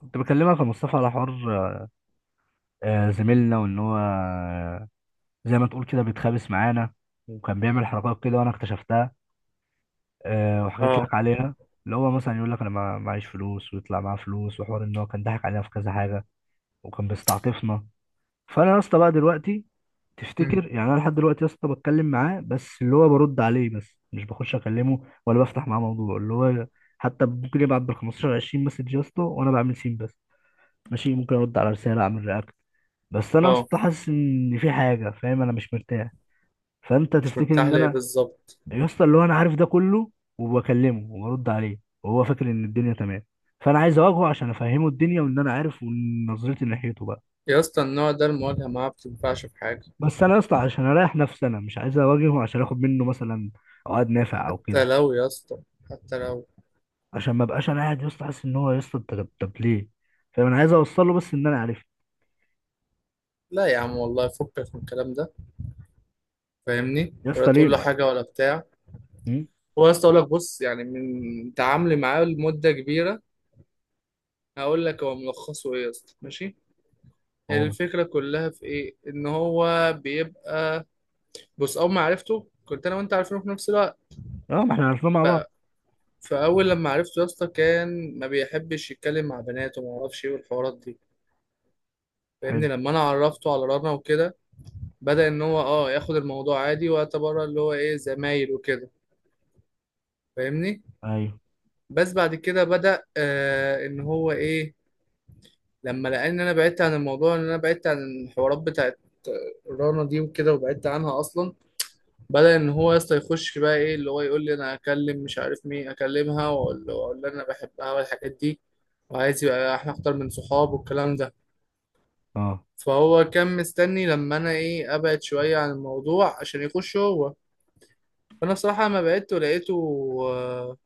كنت بكلمك يا مصطفى على حوار، زميلنا، وان هو زي ما تقول كده بيتخابس معانا، وكان بيعمل حركات كده وانا اكتشفتها، وحكيت اه. لك عليها. اللي هو مثلا يقول لك انا معيش فلوس ويطلع معاه فلوس، وحوار ان هو كان ضحك علينا في كذا حاجه وكان بيستعطفنا. فانا يا اسطى بقى دلوقتي، امم. تفتكر يعني انا لحد دلوقتي يا اسطى بتكلم معاه بس اللي هو برد عليه بس، مش بخش اكلمه ولا بفتح معاه موضوع. اللي هو حتى ممكن يبعت بال 15 20 مسج يا اسطى وانا بعمل سين بس، ماشي ممكن ارد على رساله اعمل رياكت، بس انا اصلا اه، حاسس ان في حاجه، فاهم، انا مش مرتاح. فانت مش تفتكر مرتاح ان ليه انا، بالظبط؟ يا اسطى اللي هو انا عارف ده كله، وبكلمه وبرد عليه وهو فاكر ان الدنيا تمام، فانا عايز اواجهه عشان افهمه الدنيا وان انا عارف ونظرتي ناحيته بقى. يا اسطى النوع ده المواجهة معاه بتنفعش في حاجة. بس انا اصلا عشان اريح نفسي انا مش عايز اواجهه عشان اخد منه مثلا عقد نافع او حتى كده، لو يا اسطى، حتى لو. عشان ما ابقاش انا قاعد يا اسطى حاسس ان هو، يا اسطى انت طب ليه؟ فاهم، انا عايز اوصل له بس ان انا عارف. لا يا عم والله فكك من الكلام ده، فاهمني؟ يا ولا اسطى ليه تقول له حاجة ولا بتاع. هم؟ هو يا اسطى اقول لك، بص يعني من تعاملي معاه لمدة كبيرة هقول لك هو ملخصه ايه يا اسطى، ماشي. اه. الفكرة كلها في ايه، ان هو بيبقى، بص اول ما عرفته كنت انا وانت عارفينه في نفس الوقت. اه، ما احنا عارفين مع ف... بعض. فاول لما عرفته يا اسطى كان ما بيحبش يتكلم مع بنات وما اعرفش ايه والحوارات دي. حلو. فاهمني، لما انا عرفته على رنا وكده بدأ ان هو ياخد الموضوع عادي واعتبرها اللي هو ايه، زمايل وكده. فاهمني. ايوه. بس بعد كده بدأ ان هو ايه، لما لقى ان انا بعدت عن الموضوع، ان انا بعدت عن الحوارات بتاعت رنا دي وكده وبعدت عنها اصلا، بدأ ان هو يسطا يخش بقى ايه، اللي هو يقول لي انا اكلم مش عارف مين، اكلمها واقول له واقول له انا بحبها والحاجات دي، وعايز يبقى احنا اكتر من صحاب والكلام ده. اه. فهو كان مستني لما انا ايه، ابعد شوية عن الموضوع عشان يخش هو. فانا بصراحه ما بعته لقيته، آه،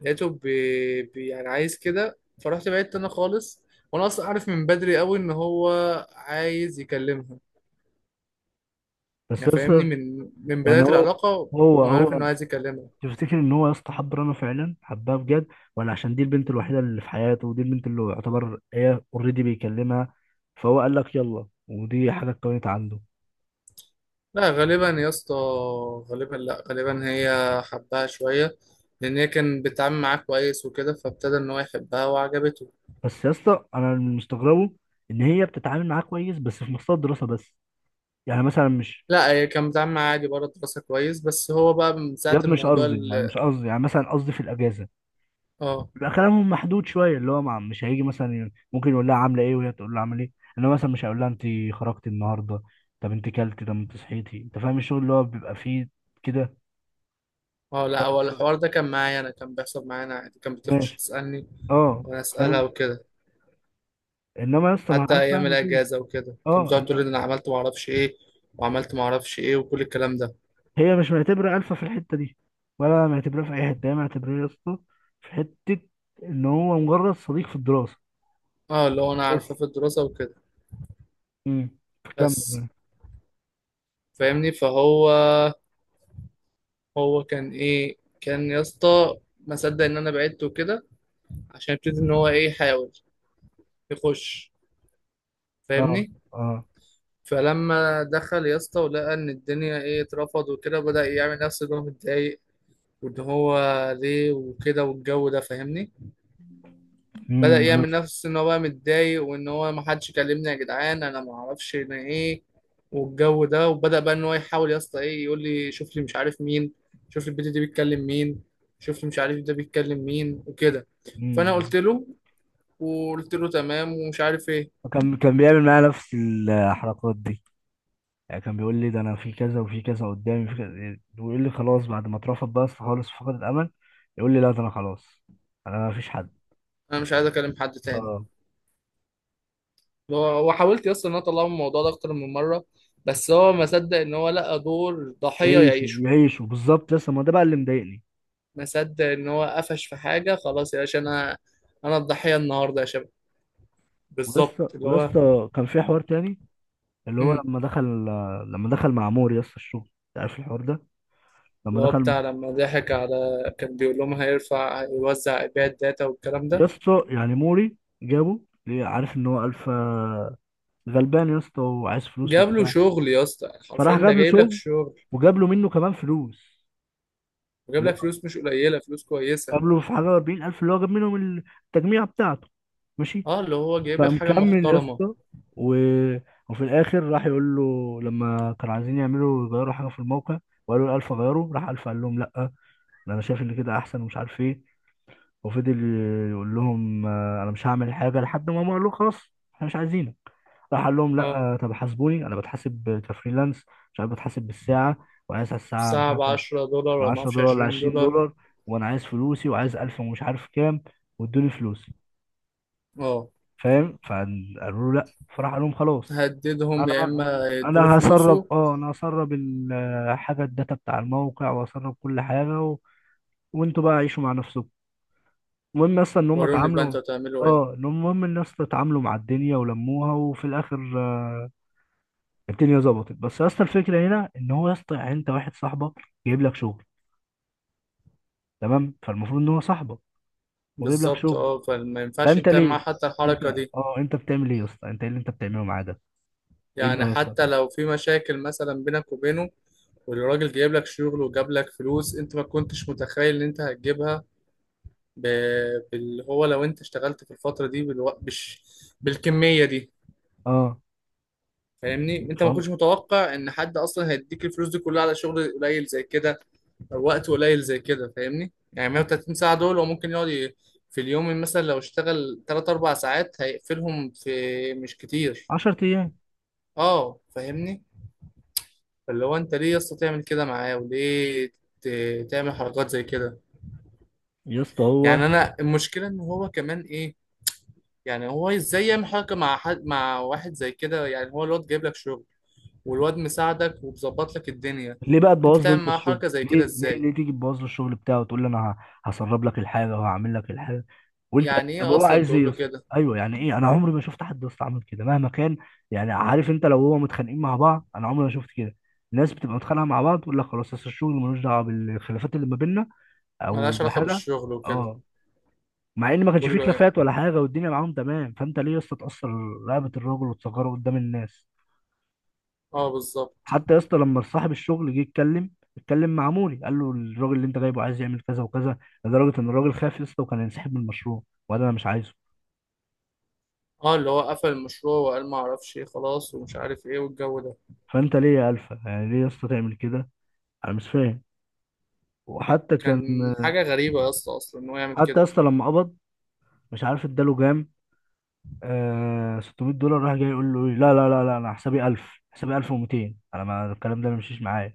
لقيته بي يعني عايز كده، فرحت بعدت انا خالص. وانا اصلا عارف من بدري قوي ان هو عايز يكلمها، بس يعني يا فاهمني اسطى، من يعني بدايه هو، العلاقه، هو وانا عارف هو انه عايز يكلمها. تفتكر ان هو يا اسطى حب رنا فعلا حبها بجد؟ ولا عشان دي البنت الوحيده اللي في حياته، ودي البنت اللي هو يعتبر هي اوريدي بيكلمها، فهو قال لك يلا ودي حاجه اتكونت عنده؟ لا غالبا يا اسطى، غالبا لا غالبا هي حبها شويه لان هي كان بتتعامل معاه كويس وكده فابتدى ان هو يحبها وعجبته. بس يا اسطى انا اللي مستغربه، ان هي بتتعامل معاه كويس بس في مستوى الدراسه بس، يعني مثلا مش، لا هي كان بتتعامل معاه عادي بره الدراسه كويس، بس هو بقى من ساعه ياد مش الموضوع قصدي يعني، مثلا قصدي في الاجازه اه. بيبقى كلامهم محدود شويه، اللي هو مش هيجي مثلا، ممكن يقول لها عامله ايه وهي تقول له عامل ايه، انما مثلا مش هيقول لها انت خرجتي النهارده، طب انت كلتي، طب انت صحيتي، انت فاهم الشغل اللي هو بيبقى فيه كده. اه لا هو ف- الحوار ده كان معايا انا، كان بيحصل معانا عادي، كانت بتخش ماشي. تسألني اه، وانا اسألها فاهم. وكده. انما يا اسطى مع حتى الفا ايام مفيش. الاجازة وكده كانت اه، بتقعد تقول لي إن انا عملت ما اعرفش ايه وعملت ما اعرفش ايه وكل الكلام ده. هي مش معتبره الفا في الحته دي، ولا معتبراه في اي حته. هي معتبراه يا اسطى في حته، ان هو مجرد صديق في الدراسه اه اللي هو انا عارفة بس. في الدراسة وكده امم. بس. كمل. فاهمني، فهو كان ايه، كان يا اسطى ما صدق ان انا بعدت وكده عشان يبتدي ان هو ايه، يحاول يخش. اه. فاهمني. اه. فلما دخل يا اسطى ولقى ان الدنيا ايه، اترفض وكده، بدأ يعمل نفسه ان هو متضايق وان هو ليه وكده والجو ده. فاهمني. بدأ يعمل نفس ان هو بقى متضايق وان هو ما حدش كلمني يا جدعان، انا ما اعرفش انا ايه، والجو ده. وبدأ بقى ان هو يحاول يا اسطى ايه، يقول لي شوف لي مش عارف مين، شوف لي البت دي بيتكلم مين، شوف لي مش عارف ده بيتكلم مين وكده. فانا امم قلت له وقلت له تمام ومش عارف ايه، كان بيعمل معايا نفس الحركات دي، يعني كان بيقول لي ده انا في كذا وفي كذا قدامي في كذا، ويقول لي خلاص بعد ما اترفض بس خالص في فقد الامل. يقول لي لا، ده انا خلاص، انا ما فيش حد. انا مش عايز اكلم حد تاني. اه. اللي هو وحاولت يا اسطى ان انا اطلعه من الموضوع ده اكتر من مره، بس هو ما صدق ان هو لقى دور ضحيه يعيشوا يعيشه. يعيشوا بالظبط، لسه ما ده بقى اللي مضايقني. ما صدق ان هو قفش في حاجه، خلاص يا باشا انا، انا الضحيه النهارده يا شباب. بالظبط ولسه اللي هو. ولسه كان في حوار تاني، اللي هو امم. لما دخل، مع موري يسطا الشغل. أنت عارف الحوار ده، لما اللي هو دخل بتاع لما ضحك على، كان بيقول لهم هيرفع هيوزع يبيع الداتا والكلام ده. يسطا، يعني موري جابه ليه؟ عارف ان هو الفا غلبان يسطا، وعايز فلوس جاب له وبتاع، شغل يا اسطى حرفيا، فراح ده جاب له جايب لك شغل، شغل وجاب له منه كمان فلوس، وجايب اللي لك هو فلوس مش قليله، فلوس كويسه. جاب له في حاجه 40000 اللي هو جاب منهم التجميعه بتاعته، ماشي. اه اللي هو جايب لك حاجه فمكمل يا محترمه. اسطى و... وفي الاخر راح يقول له، لما كانوا عايزين يعملوا يغيروا حاجه في الموقع، وقالوا الالف غيروا، راح الف قال لهم لا، ده انا شايف ان كده احسن ومش عارف ايه، وفضل يقول لهم، انا مش هعمل حاجه لحد ما هم قالوا له خلاص احنا مش عايزين، راح قال لهم لا اه طب حاسبوني، انا بتحاسب كفريلانس مش عارف، بتحاسب بالساعه، وعايز على الساعه مش الساعه ب عارف 10 دولار ولا ما 10 اعرفش دولار ولا 20 20 دولار دولار وانا عايز فلوسي وعايز 1000 ومش عارف كام، وادوني فلوسي. اه، فاهم. فقالوا له لا، فراح قال لهم خلاص، هددهم انا يا اما يدوا انا هسرب فلوسه. اه انا هسرب الحاجه، الداتا بتاع الموقع، وهسرب كل حاجه وانتوا بقى عيشوا مع نفسكم. المهم اصلا ان هم وروني بقى اتعاملوا، انتوا هتعملوا ايه. المهم الناس اتعاملوا مع الدنيا ولموها، وفي الاخر الدنيا ظبطت. بس يا اسطى الفكره هنا ان هو، يا اسطى يعني انت واحد صاحبك جايب لك شغل، تمام، فالمفروض ان هو صاحبك وجايب لك بالظبط شغل، اه، فما ينفعش فانت انت معاه ليه، حتى انت، الحركه دي. اه انت بتعمل ايه يا اسطى؟ انت ايه اللي انت بتعمله معاه ده؟ ايه يعني اللي حصل؟ حتى لو في مشاكل مثلا بينك وبينه، والراجل جايب لك شغل وجاب لك فلوس انت ما كنتش متخيل ان انت هتجيبها. ب... هو لو انت اشتغلت في الفترة دي بالكمية دي. اه. فاهمني، انت ف ما كنتش متوقع ان حد اصلا هيديك الفلوس دي كلها على شغل قليل زي كده او وقت قليل زي كده. فاهمني، يعني 130 ساعة دول هو ممكن يقعد في اليوم مثلا لو اشتغل 3 4 ساعات هيقفلهم في، مش كتير. 10 ايام اه فاهمني. فاللي هو انت ليه يا اسطى تعمل كده معاه وليه تعمل حركات زي كده؟ يا اسطى. هو يعني انا المشكله ان هو كمان ايه، يعني هو ازاي يعمل حركه مع حد، مع واحد زي كده؟ يعني هو الواد جايب لك شغل والواد مساعدك ومظبط لك الدنيا، ليه بقى انت تبوظ له تعمل انت معاه الشغل؟ حركه زي ليه كده ليه ازاي؟ ليه تيجي تبوظ له الشغل بتاعه، وتقول له انا هسرب لك الحاجه وهعمل لك الحاجه؟ وانت. يعني طب ايه هو اصلا عايز ايه تقول يا له اسطى؟ كده، ايوه، يعني ايه. انا عمري ما شفت حد يا اسطى عمل كده مهما كان. يعني عارف انت لو هو متخانقين مع بعض، انا عمري ما شفت كده. الناس بتبقى متخانقه مع بعض تقول لك خلاص، اصل الشغل ملوش دعوه بالخلافات اللي ما بيننا او ملهاش علاقه بحاجه. بالشغل وكده. اه، مع ان ما كانش تقول فيه له إيه؟ خلافات ولا حاجه والدنيا معاهم تمام، فانت ليه يا اسطى تاثر رقبه الراجل وتصغره قدام الناس؟ اه بالظبط. حتى يا اسطى لما صاحب الشغل جه يتكلم، اتكلم مع موري قال له الراجل اللي انت جايبه عايز يعمل كذا وكذا، لدرجه ان الراجل خاف يا اسطى وكان هينسحب من المشروع، وقال انا مش عايزه. اه اللي هو قفل المشروع وقال ما اعرفش ايه خلاص ومش عارف ايه والجو ده. فانت ليه يا الفا، يعني ليه يا اسطى تعمل كده؟ انا مش فاهم. وحتى كان كان حاجه غريبه يا اسطى اصلا ان هو يعمل حتى كده. يا اسطى لما قبض، مش عارف اداله كام، 600 دولار، راح جاي يقول له ايه، لا لا لا لا، انا حسابي 1000، حسابي 1200، انا ما الكلام ده ما يمشيش معايا.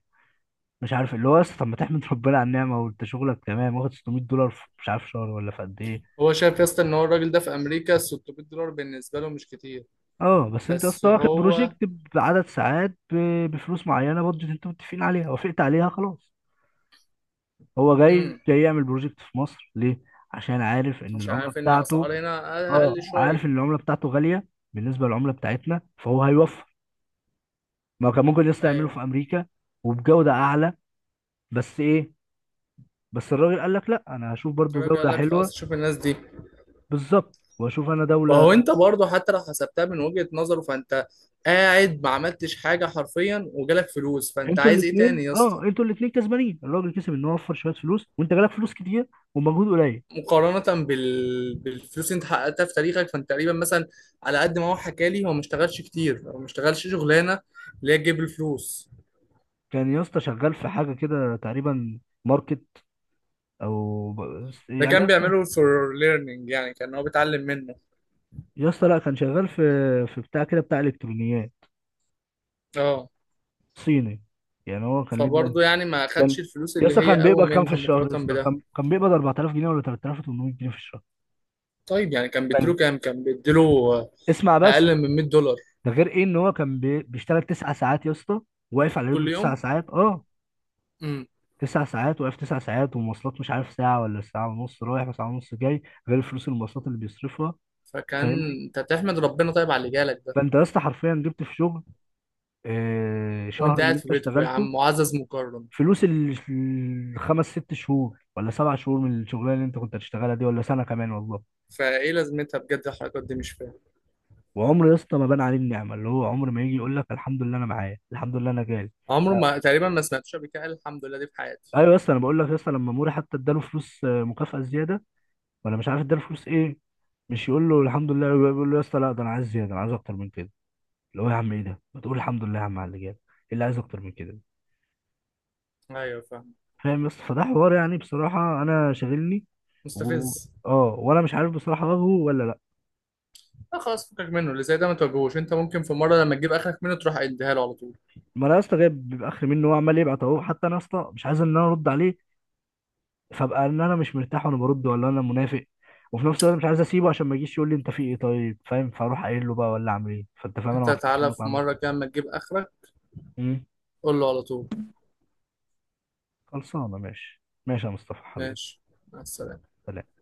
مش عارف، اللي هو يا اسطى، طب ما تحمد ربنا على النعمه وانت شغلك تمام واخد 600 دولار في مش عارف شهر ولا في قد ايه؟ هو شايف يا اسطى ان هو الراجل ده في امريكا 600 دولار بالنسبه له مش كتير. اه، بس انت يا بس اسطى واخد هو، بروجكت بعدد ساعات، بفلوس معينه، بادجت انتوا متفقين عليها وافقت عليها، خلاص. هو جاي امم، جاي يعمل بروجكت في مصر ليه؟ عشان عارف ان عشان العمله عارف ان بتاعته. الاسعار هنا اقل، اه، أقل عارف شويه. ان العمله بتاعته غاليه بالنسبه للعمله بتاعتنا، فهو هيوفر. ما هو كان ممكن لسه يعمله في ايوه. امريكا وبجوده اعلى. بس ايه، بس الراجل قال لك لا، انا هشوف برضو الراجل قال جوده لك حلوه. خلاص شوف الناس دي. بالظبط، واشوف انا وهو دوله. انت برضه حتى لو حسبتها من وجهه نظره فانت قاعد ما عملتش حاجه حرفيا وجالك فلوس، فانت انتوا عايز ايه الاثنين، تاني يا اسطى؟ اه، انتوا الاثنين كسبانين، الراجل كسب ان هو وفر شويه فلوس، وانت جالك فلوس كتير ومجهود قليل. مقارنه بالفلوس اللي انت حققتها في تاريخك، فانت تقريبا مثلا على قد ما هو حكى لي هو ما اشتغلش كتير، هو ما اشتغلش شغلانه اللي هي تجيب الفلوس. كان يا اسطى شغال في حاجه كده تقريبا ماركت، او ده يعني يا كان اسطى، بيعمله فور ليرنينج، يعني كان هو بيتعلم منه. يا اسطى لا، كان شغال في بتاع كده، بتاع الكترونيات اه صيني، يعني هو كان ليه فبرضه برانش. يعني ما اخدش كان الفلوس يا اللي اسطى، هي كان قوي بيقبض كام في منها الشهر يا مقارنة اسطى؟ بده. كان بيقبض 4000 جنيه ولا 3800 جنيه في الشهر. طيب يعني كان وكان، بيديله كام، كان بيديله، آه، اسمع اقل بس. من 100 دولار ده غير ايه ان هو كان بيشتغل 9 ساعات يا اسطى، واقف على كل رجله تسع يوم. ساعات اه. امم. 9 ساعات واقف، 9 ساعات، ومواصلات مش عارف ساعه ولا ساعه ونص رايح وساعه ونص جاي، غير فلوس المواصلات اللي بيصرفها، فكان فاهمني. انت تحمد ربنا طيب على اللي جالك ده، فانت يا اسطى حرفيا جبت في شغل وانت شهر اللي قاعد في انت بيتكو يا اشتغلته، عم معزز مكرم. فلوس الخمس ست شهور ولا 7 شهور من الشغلانه اللي انت كنت هتشتغلها دي، ولا سنه كمان والله. فايه لازمتها بجد الحركات دي، مش فاهم. وعمر يا اسطى ما بان عليه النعمه، اللي هو عمر ما يجي يقول لك الحمد لله انا معايا، الحمد لله انا جالي. عمره لا. ما تقريبا، ما سمعتش قبل كده قال الحمد لله دي في حياتي. ايوه يا اسطى، انا بقول لك يا اسطى لما موري حتى اداله فلوس مكافاه زياده، ولا مش عارف اداله فلوس ايه، مش يقول له الحمد لله، يقول له يا اسطى لا، ده انا عايز زياده، انا عايز اكتر من كده. اللي هو يا عم ايه ده؟ ما تقول الحمد لله يا عم على اللي جالي، إيه اللي عايز اكتر من كده. ايوه فاهم. فاهم يا اسطى؟ فده حوار يعني بصراحة أنا شاغلني و... مستفز. اه. وأنا مش عارف بصراحة ألغه ولا لأ. لا خلاص فكك منه، اللي زي ده ما تواجهوش. انت ممكن في مره لما تجيب اخرك منه تروح اديها له على طول. ما أنا يا اسطى جايب، بيبقى آخر منه، هو عمال يبعت أهو. حتى أنا يا اسطى مش عايز إن أنا أرد عليه، فأبقى إن أنا مش مرتاح وأنا برد، ولا أنا منافق. وفي نفس الوقت مش عايز أسيبه عشان ما يجيش يقول لي أنت في إيه، طيب فاهم؟ فأروح قايل له بقى، ولا أعمل إيه؟ فأنت فاهم، أنا انت محطوط في تعالى نقطة في عاملة مرة كده اما تجيب اخرك إيه. قول له على طول. خلصانة، ماشي ماشي يا مصطفى حبيبي. ماشي. مع السلامة. سلام.